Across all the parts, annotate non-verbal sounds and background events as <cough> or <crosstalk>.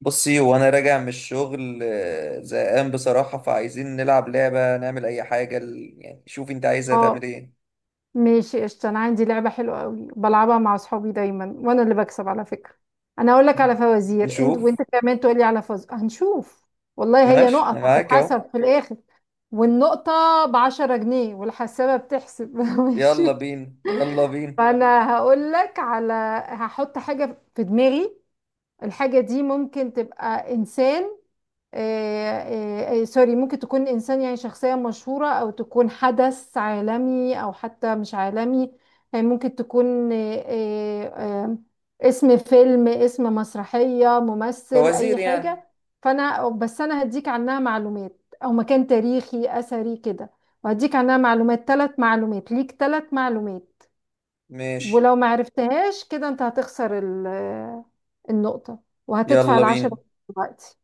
بصي وانا راجع من الشغل زهقان بصراحة، فعايزين نلعب لعبة نعمل اي حاجة يعني شوف انت عايزة تعمل اه، ايه. ماشي، قشطة. انا عندي لعبة حلوة قوي بلعبها مع اصحابي دايما، وانا اللي بكسب على فكرة. انا اقول لك على <laughs> فوازير، انت نشوف. وانت كمان تقول لي على فوز. هنشوف. والله هي ماشي نقط انا معاك اهو. هتتحسب في الاخر، والنقطة بعشرة جنيه والحسابة بتحسب. <laughs> يلا ماشي. بينا يلا بينا. فانا هقول لك على هحط حاجة في دماغي. الحاجة دي ممكن تبقى انسان. سوري، ممكن تكون إنسان، يعني شخصية مشهورة، أو تكون حدث عالمي، أو حتى مش عالمي. ممكن تكون آه، آه، اسم فيلم، اسم مسرحية، ممثل، أي فوازير يعني. حاجة. فأنا بس أنا هديك عنها معلومات، أو مكان تاريخي أثري كده، وهديك عنها معلومات، ثلاث معلومات ليك، ثلاث معلومات. ماشي. ولو ما عرفتهاش كده، أنت هتخسر النقطة وهتدفع يلا بينا العشرة دلوقتي.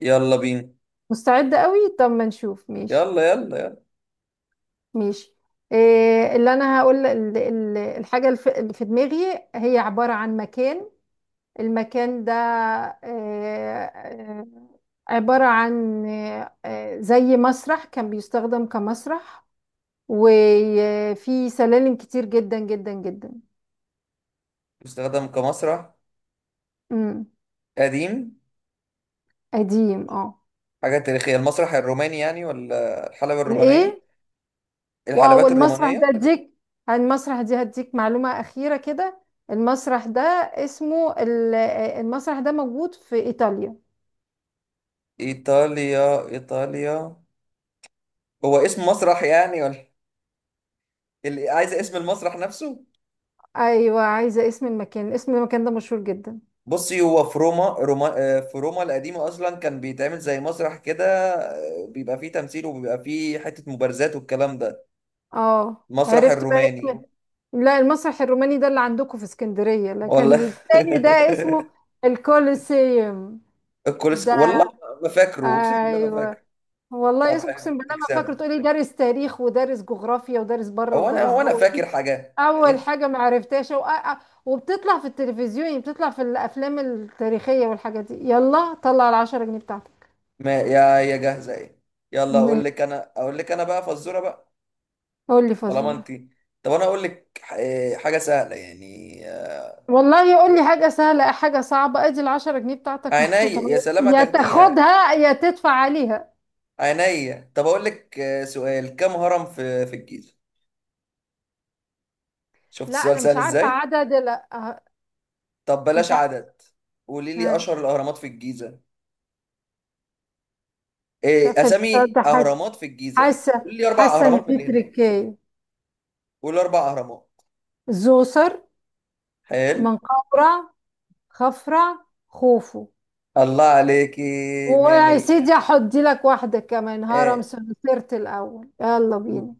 يلا بينا. مستعد قوي؟ طب ما نشوف. ماشي. يلا يلا يلا. ماشي. إيه اللي انا هقول؟ اللي في دماغي هي عبارة عن مكان. المكان ده إيه إيه، عبارة عن إيه، إيه، زي مسرح، كان بيستخدم كمسرح، وفي سلالم كتير جدا جدا جدا. استخدم كمسرح امم. قديم. قديم، اه. حاجة تاريخية، المسرح الروماني يعني ولا الحلبة الرومانية؟ الايه؟ واو، الحلبات المسرح ده الرومانية. اديك، المسرح دي هديك معلومة أخيرة كده. المسرح ده اسمه المسرح ده موجود في إيطاليا. ايطاليا ايطاليا. هو اسم مسرح يعني ولا اللي عايز اسم المسرح نفسه؟ أيوة، عايزة اسم المكان، اسم المكان ده مشهور جدا. بصي هو في روما, روما، في روما القديمة أصلا كان بيتعمل زي مسرح كده. بيبقى فيه تمثيل وبيبقى فيه حتة مبارزات والكلام ده. اه، المسرح عرفت بقى. الروماني. اسم. لا، المسرح الروماني ده اللي عندكم في اسكندرية، لكن والله. التاني ده <laughs> اسمه الكوليسيوم. الكولس ده والله. ما فاكره، أقسم بالله ما فاكره. أيوة. والله، طب حلو، اقسم بالله ما فاكره، تكسب. تقولي دارس تاريخ ودارس جغرافيا ودارس بره هو أنا ودارس هو أنا جوه فاكر دي. حاجة اول إيه؟ حاجه ما عرفتهاش، و... وبتطلع في التلفزيون، يعني بتطلع في الافلام التاريخيه والحاجات دي. يلا طلع العشرة جنيه بتاعتك. ما يا يا جاهزة إيه، يلا ن- أقول لك أنا أقول لك أنا بقى فزورة بقى. قول لي طالما أنت، فزوره. طب أنا أقول لك حاجة سهلة يعني، والله يقول لي حاجه سهله، حاجه صعبه، ادي العشرة جنيه بتاعتك عينيا محطوطه يا أهو. سلام يا هتاخديها. تاخدها يا تدفع عليها. عينيا، طب اقول لك، سؤال، كم هرم في الجيزة؟ شفت لا انا السؤال سهل مش عارفه ازاي. عدد، لا. طب مش بلاش عارفه. عدد، قولي لي ها، اشهر الاهرامات في الجيزة. مش ايه عارفه. السؤال اسامي ده، حاسه، اهرامات في الجيزة؟ حاسه قولي لي اربع حاسة ان اهرامات من في اللي هناك. تركايه. قولي اربع اهرامات. زوسر. حلو. منقورة. خفرة، خوفو. الله عليكي. مية ويا مية. سيدي هحط لك واحدة كمان، هرم ايه، سنترت الأول. يلا م- بينا.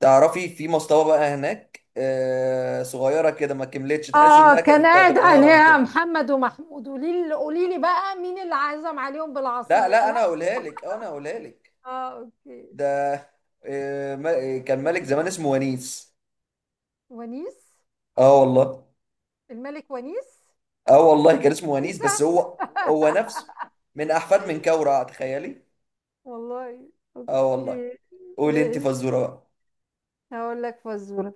تعرفي في مصطبة بقى هناك آه صغيرة كده ما كملتش، تحس اه، انها كان كانت قاعد هتبقى هرم عليها كده. محمد ومحمود. قولي لي بقى، مين اللي عزم عليهم لا بالعصير؟ لا لا. انا هقولها لك، انا هقولها لك. اه، اوكي. ده، كان ملك زمان اسمه ونيس. ونيس. اه والله. الملك ونيس. اه والله كان اسمه ونيس، عيسى. بس هو هو نفسه <laughs> من احفاد من كورة، تخيلي. والله. اه والله. اوكي. قولي انت ماشي. فزورة بقى. هقول لك فزورة.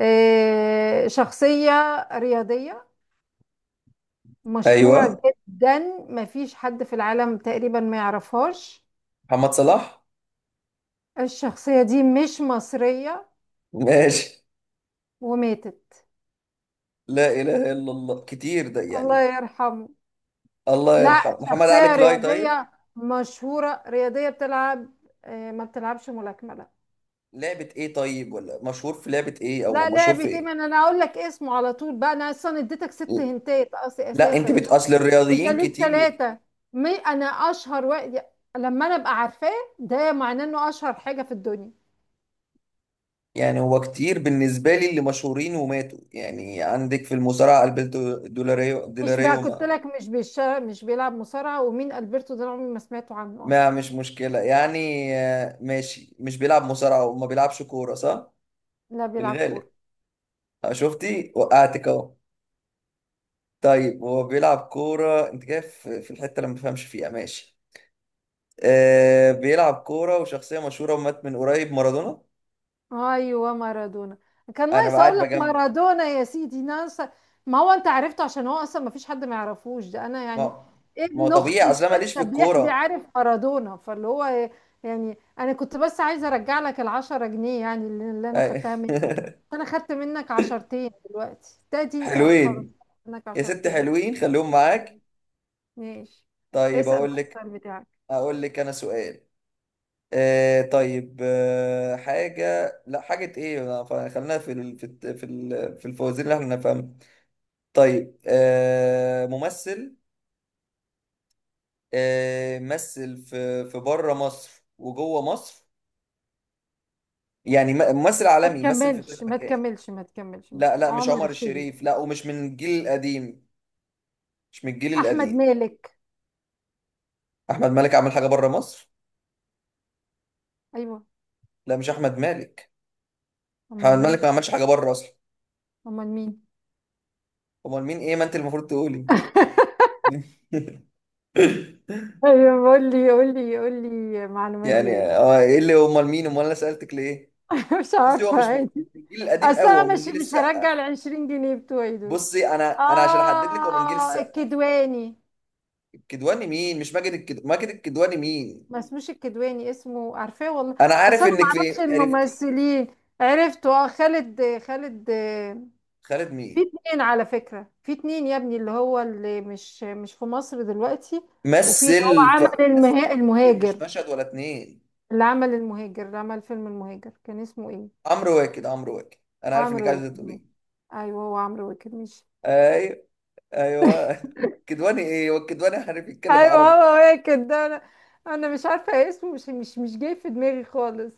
إيه، شخصية رياضية مشهورة ايوه. جدا، مفيش حد في العالم تقريبا ما يعرفهاش. محمد صلاح. الشخصية دي مش مصرية، ماشي. وماتت. لا اله الا الله، كتير ده الله يعني. يرحمه. الله لا، يرحمه محمد علي شخصية كلاي طيب. رياضية مشهورة، رياضية بتلعب. ما بتلعبش ملاكمة، لا. لعبة ايه طيب، ولا مشهور في لعبة ايه او لا، مشهور في لعبة ايه؟ ما ايه؟ انا اقول لك اسمه على طول بقى، انا اصلا اديتك ست هنتات لا انت اساسا. بت، اصل انت الرياضيين ليك كتير ثلاثة. مي انا اشهر واحد، لما انا ابقى عارفاه ده معناه انه اشهر حاجة في الدنيا. يعني. هو كتير بالنسبة لي اللي مشهورين وماتوا. يعني عندك في المصارعة ألبرتو دولاريو مش بقى دولاريو قلت ما, لك مش بيلعب مصارعة؟ ومين ألبرتو ده؟ أنا عمري ما سمعته عنه ما أصلا. مش مشكلة يعني. ماشي، مش بيلعب مصارعة وما بيلعبش كورة صح؟ لا، في بيلعب كورة. الغالب. شفتي وقعتك اهو. طيب هو بيلعب كورة، انت كده في الحتة اللي ما بفهمش فيها. ماشي، آه بيلعب كورة وشخصية مشهورة ومات من قريب، مارادونا. أيوه، مارادونا. كان أنا ناقص أقول قاعد لك بجمع. مارادونا يا سيدي، ناقص. ما هو أنت عرفته عشان هو أصلا ما فيش حد ما يعرفوش، ده أنا يعني ما ما هو ابن أختي طبيعي، اللي أصل أنا ماليش في لسه بيحبي الكورة. عارف مارادونا، فاللي هو يعني. أنا كنت بس عايزة أرجع لك العشرة جنيه، يعني اللي أنا أي. خدتها منك. أنا خدت منك عشرتين دلوقتي، <laughs> تادي أه خلاص، حلوين، خدت منك يا ست عشرتين. حلوين خليهم معاك. ماشي. طيب اسأل اقول بقى لك، السؤال بتاعك. اقول لك انا سؤال. آه طيب آه حاجه لا حاجه ايه لا، خلينا في ال... في في ال... في الفوازير اللي احنا نفهمها. طيب آه ممثل، آه مثل في في بره مصر وجوه مصر، يعني ممثل ما عالمي مثل في تكملش كذا ما مكان. تكملش ما تكملش ما لا تكملش، لا مش عمر عمر الشريف. الشريف، لا ومش من الجيل القديم. مش من الجيل احمد القديم. مالك. احمد مالك عمل حاجه بره مصر؟ ايوه. لا مش احمد مالك. امال احمد مالك مين؟ ما عملش حاجه بره اصلا. امال مين؟ امال مين ايه، ما انت المفروض تقولي. <laughs> <laughs> ايوه قول لي، قول لي، قول لي معلومات يعني زياده. اه ايه اللي امال مين، امال انا سالتك ليه؟ <laughs> مش بصي هو عارفه، مش من مش عادي. من الجيل القديم اصل قوي، انا هو مش من جيل مش هرجع السقا. ال 20 جنيه بتوعي دول. بصي انا، انا عشان احدد لك هو من جيل اه، السقا. الكدواني. الكدواني مين، مش ماجد الكد... ماجد الكدواني مين؟ ما اسموش الكدواني، اسمه عارفاه والله. انا اصل عارف انا ما انك في اعرفش عرفتي. الممثلين. عرفته، اه، خالد، خالد. خالد في مين؟ اتنين على فكرة، في اتنين يا ابني، اللي هو اللي مش في مصر دلوقتي، وفي اللي هو مثل ف... عمل مثل كتير، المهاجر. مش مشهد ولا اتنين. اللي عمل المهاجر، اللي عمل فيلم المهاجر، كان اسمه ايه؟ عمرو واكد عمرو واكد. انا عارف انك عمرو عايزه واكد. تقولي. ايوه هو عمرو واكد، مش ايوه. ايوه. <laughs> كدواني ايه، هو الكدواني عارف يتكلم ايوه عربي؟ هو واكد ده. انا انا مش عارفة اسمه، مش جاي في دماغي خالص.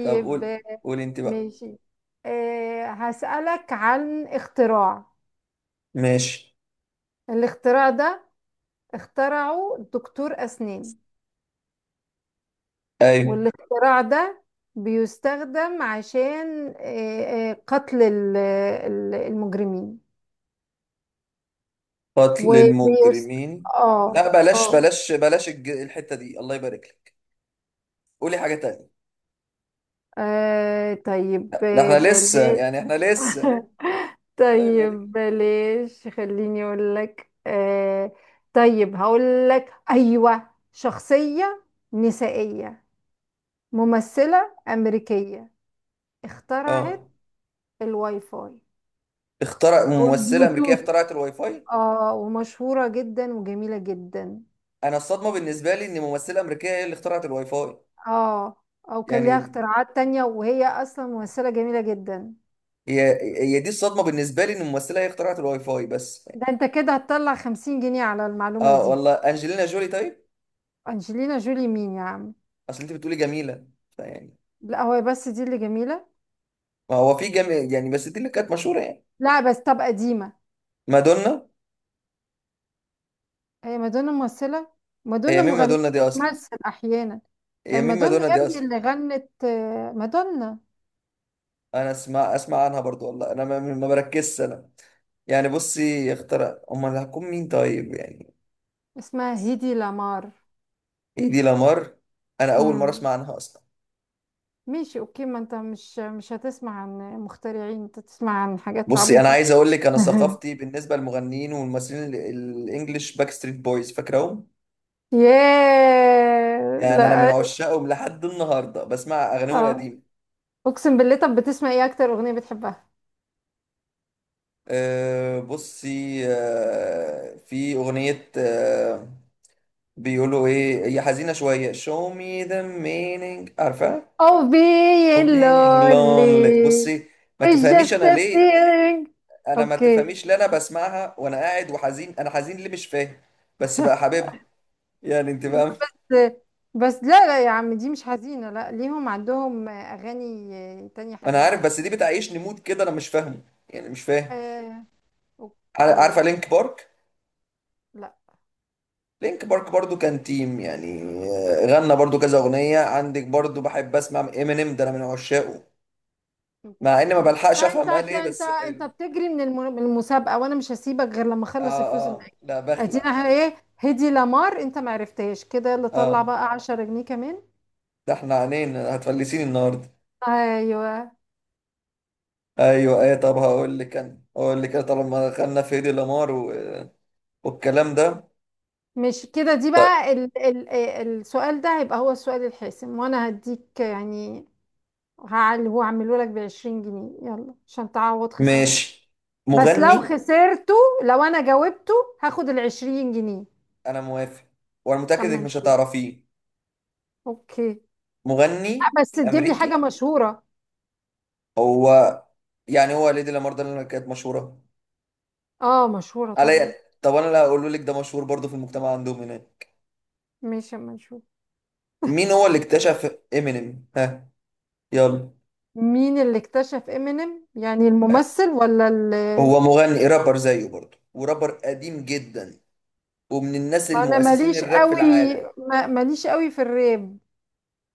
طب قول آه، قول انت بقى. ماشي. أه هسألك عن اختراع. ماشي. الاختراع ده اخترعه دكتور أسنان، ايوه. والاختراع ده بيستخدم عشان قتل المجرمين. قتل وبيست المجرمين. اه. لا بلاش اه. بلاش بلاش الحتة دي، الله يبارك لك. قولي حاجة تانية. طيب لا ده احنا لسه بلاش. يعني احنا لسه. <laughs> الله يبارك طيب لك. بلاش، خليني اقول لك. طيب هقول لك، ايوه، شخصية نسائية، ممثلة أمريكية، اه. اخترعت الواي فاي اخترع او ممثلة أمريكية البلوتوث. اخترعت الواي فاي؟ اه، ومشهورة جدا وجميلة جدا. انا الصدمة بالنسبة لي ان ممثلة أمريكية هي اللي اخترعت الواي فاي. اه. او كان ليها يعني اختراعات تانية، وهي اصلا ممثلة جميلة جدا. هي، هي دي الصدمة بالنسبة لي، ان ممثلة هي اخترعت الواي فاي بس. ده انت كده هتطلع خمسين جنيه على المعلومة اه دي. والله، انجلينا جولي طيب. انجلينا جولي مين يا عم؟ اصل انت بتقولي جميلة، فيعني. لا، هو بس دي اللي جميلة. ما هو في جميل يعني، بس دي اللي كانت مشهورة يعني. لا بس، طب قديمة. مادونا. هي مادونا ممثلة؟ مادونا هي مين مغنية مادونا دي اصلا؟ بتمثل احيانا. هي هي مين مادونا مادونا يا دي ابني، اصلا؟ اللي غنت مادونا. انا اسمع اسمع عنها برضو، والله انا ما, ما بركزش انا. يعني بصي اختار امال اللي هتكون مين طيب يعني. اسمها هيدي لامار. ايه دي لامار؟ انا اول مره امم. اسمع عنها اصلا. ماشي، اوكي. ما انت مش هتسمع عن مخترعين، انت تسمع عن حاجات بصي انا عبيطة. عايز اقول لك، انا أها. ثقافتي بالنسبه للمغنيين والممثلين الانجليش، باك ستريت بويز فاكرهم؟ ياه، يعني انا من لا. عشاقهم لحد النهارده بسمع اغانيهم اه، القديمه. اقسم بالله، طب بتسمع ايه؟ اكتر اغنيه بتحبها؟ أه بصي أه في اغنيه أه بيقولوا ايه، هي حزينه شويه، show me the meaning، عارفه، او بي of being لولي. lonely. بصي ما It's just تفهميش انا a ليه، feeling. انا ما اوكي. تفهميش ليه، انا بسمعها وانا قاعد وحزين، انا حزين ليه مش فاهم. بس بقى حبيبها يعني، انت لا فاهم. بس. بس لا لا يا عم، دي مش حزينه، لا، ليهم عندهم اغاني تانية انا حزينه عارف، بس. بس دي بتعيشني مود كده، انا مش فاهمه يعني مش فاهم. آه. اوكي. عارفه لينك بارك؟ لا. لينك بارك برضو كان تيم يعني، غنى برضو كذا اغنيه. عندك برضو بحب اسمع امينيم، ده انا من عشاقه. مع اني ما اوكي، طب بلحقش انت افهم قال ايه بس حلو. بتجري من من المسابقه، وانا مش هسيبك غير لما اخلص الفلوس اه. اللي اه معاك. لا بخلع. ادينا ايه؟ هدي لمار، انت ما عرفتهاش كده، يلا طلع اه بقى 10 جنيه كمان. ده احنا عينينا هتفلسيني النهارده. ايوه. ايوه. ايه طب هقول لك انا، هقول لك انا، طالما دخلنا في هيدي لامار و... والكلام ده. مش كده، دي بقى ال السؤال ده هيبقى هو السؤال الحاسم، وانا هديك يعني، هعل هو هعمله لك ب 20 جنيه، يلا عشان تعوض خسارتك. ماشي. بس لو مغني. خسرته، لو انا جاوبته هاخد ال 20 جنيه. انا موافق، وانا متاكد اما انك مش نشوف. هتعرفيه. اوكي. مغني لا، بس تجيب لي حاجه امريكي. مشهوره. هو، يعني هو ليدي لامار ده اللي كانت مشهوره اه مشهورة عليا؟ طبعا. طب انا اللي هقوله لك ده مشهور برضه في المجتمع عندهم هناك. ماشي، اما نشوف. مين هو اللي اكتشف امينيم، ها؟ يلا. مين اللي اكتشف امينيم؟ يعني الممثل، ولا اللي؟ هو مغني رابر زيه برضه، ورابر قديم جدا، ومن الناس ما انا المؤسسين ماليش الراب في قوي، العالم. ما ماليش قوي في الراب.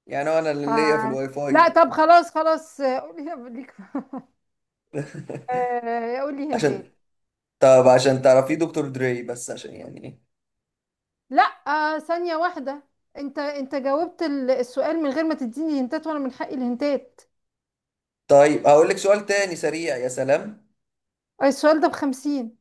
يعني هو انا ف اللي ليا في الواي لا، فاي. طب خلاص خلاص قولي ليك. قولي هنتات. عشان، طب عشان تعرفيه، دكتور دري بس، عشان يعني ايه. لا. ثانية واحدة، انت جاوبت السؤال من غير ما تديني هنتات، وانا من حقي الهنتات. طيب هقول لك سؤال تاني سريع، يا سلام. السؤال ده بخمسين،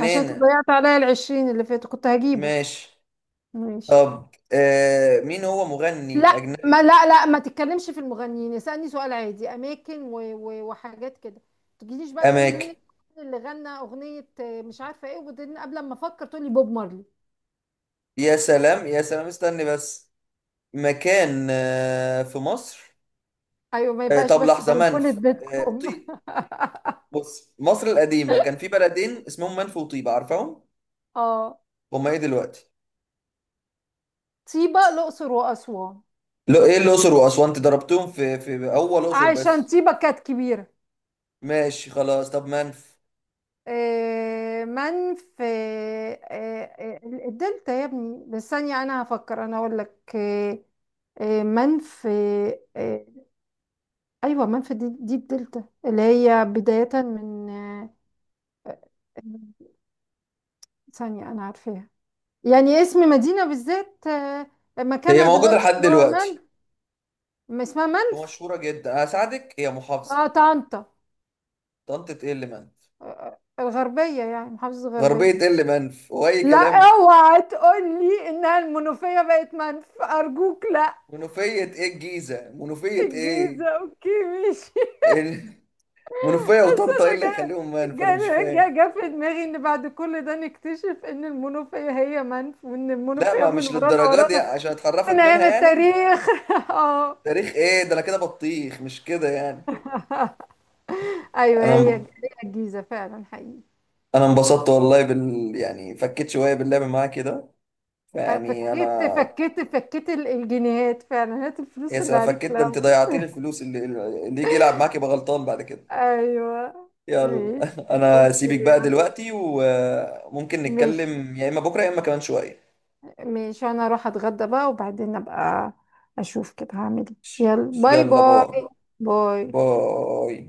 عشان تضيعت عليا العشرين اللي فاتوا، كنت هجيبه. ماشي. ماشي. طب مين هو لا، مغني ما أجنبي؟ لا لا، ما تتكلمش في المغنيين، اسألني سؤال عادي، اماكن و و وحاجات كده. ما تجيليش بقى تقولي مين أماكن. المغني اللي غنى اغنية مش عارفة ايه، وبعدين قبل ما افكر تقولي بوب مارلي. يا سلام يا سلام استني بس. مكان آه في مصر. ايوه، ما آه يبقاش طب بس لحظة بلكونة منف، آه بيتكم. <laughs> طيب. بص مصر القديمة كان في بلدين اسمهم منف وطيبة، عارفهم؟ اه، هما ايه دلوقتي؟ طيبة الاقصر واسوان. لو ايه الأقصر وأسوان، انت ضربتهم في أول أقصر عشان بس. طيبة كانت كبيرة. ماشي خلاص، طب منف؟ آه، من في آه، آه، الدلتا يا ابني. بس ثانية انا هفكر، انا اقول لك. آه، آه، من في آه، ايوه، منفى دي الدلتا، اللي هي بداية من. آه، ثانية، انا عارفاها، يعني اسم مدينة بالذات، هي مكانها موجودة دلوقتي لحد اللي هو دلوقتي منف. ما اسمها منف. ومشهورة جدا، هساعدك، هي محافظة. اه، طنطا. طنطة ايه اللي منف! الغربية، يعني محافظة غربية الغربية. ايه اللي منف، واي لا. كلام! اوعى تقول لي انها المنوفية بقت منف، ارجوك لا. منوفية ايه، الجيزة، منوفية الجيزة، ايه! اوكي. مش. ال- منوفية بس وطنطا ايه انا اللي جا هيخليهم منف، انا مش جا جا فاهم. جا في دماغي ان بعد كل ده نكتشف ان المنوفية هي منف، وان لا المنوفية ما من مش ورانا للدرجات دي ورانا عشان من اتحرفت منها ايام يعني. التاريخ. <laughs> اه. تاريخ ايه ده، انا كده بطيخ مش كده يعني. ايوه انا هي انب- هي، الجيزة فعلا، حقيقي. انا انبسطت والله بال يعني، فكيت شوية باللعب معاك كده، فيعني انا. فكيت فكيت فكيت الجنيهات فعلا، هات يا الفلوس اللي سلام عليك فكيت، ده انت الاول. ضيعتي لي <laughs> الفلوس، اللي اللي يجي يلعب معاك يبقى غلطان بعد كده. ايوه. يلا. <laughs> ماشي. انا اوكي سيبك بقى يلا. دلوقتي، وممكن ماشي. نتكلم يا اما بكره يا اما كمان شويه. ماشي، انا اروح اتغدى بقى وبعدين ابقى اشوف كده هعمل ايه. يلا، باي يلا باي. باي باي. باي.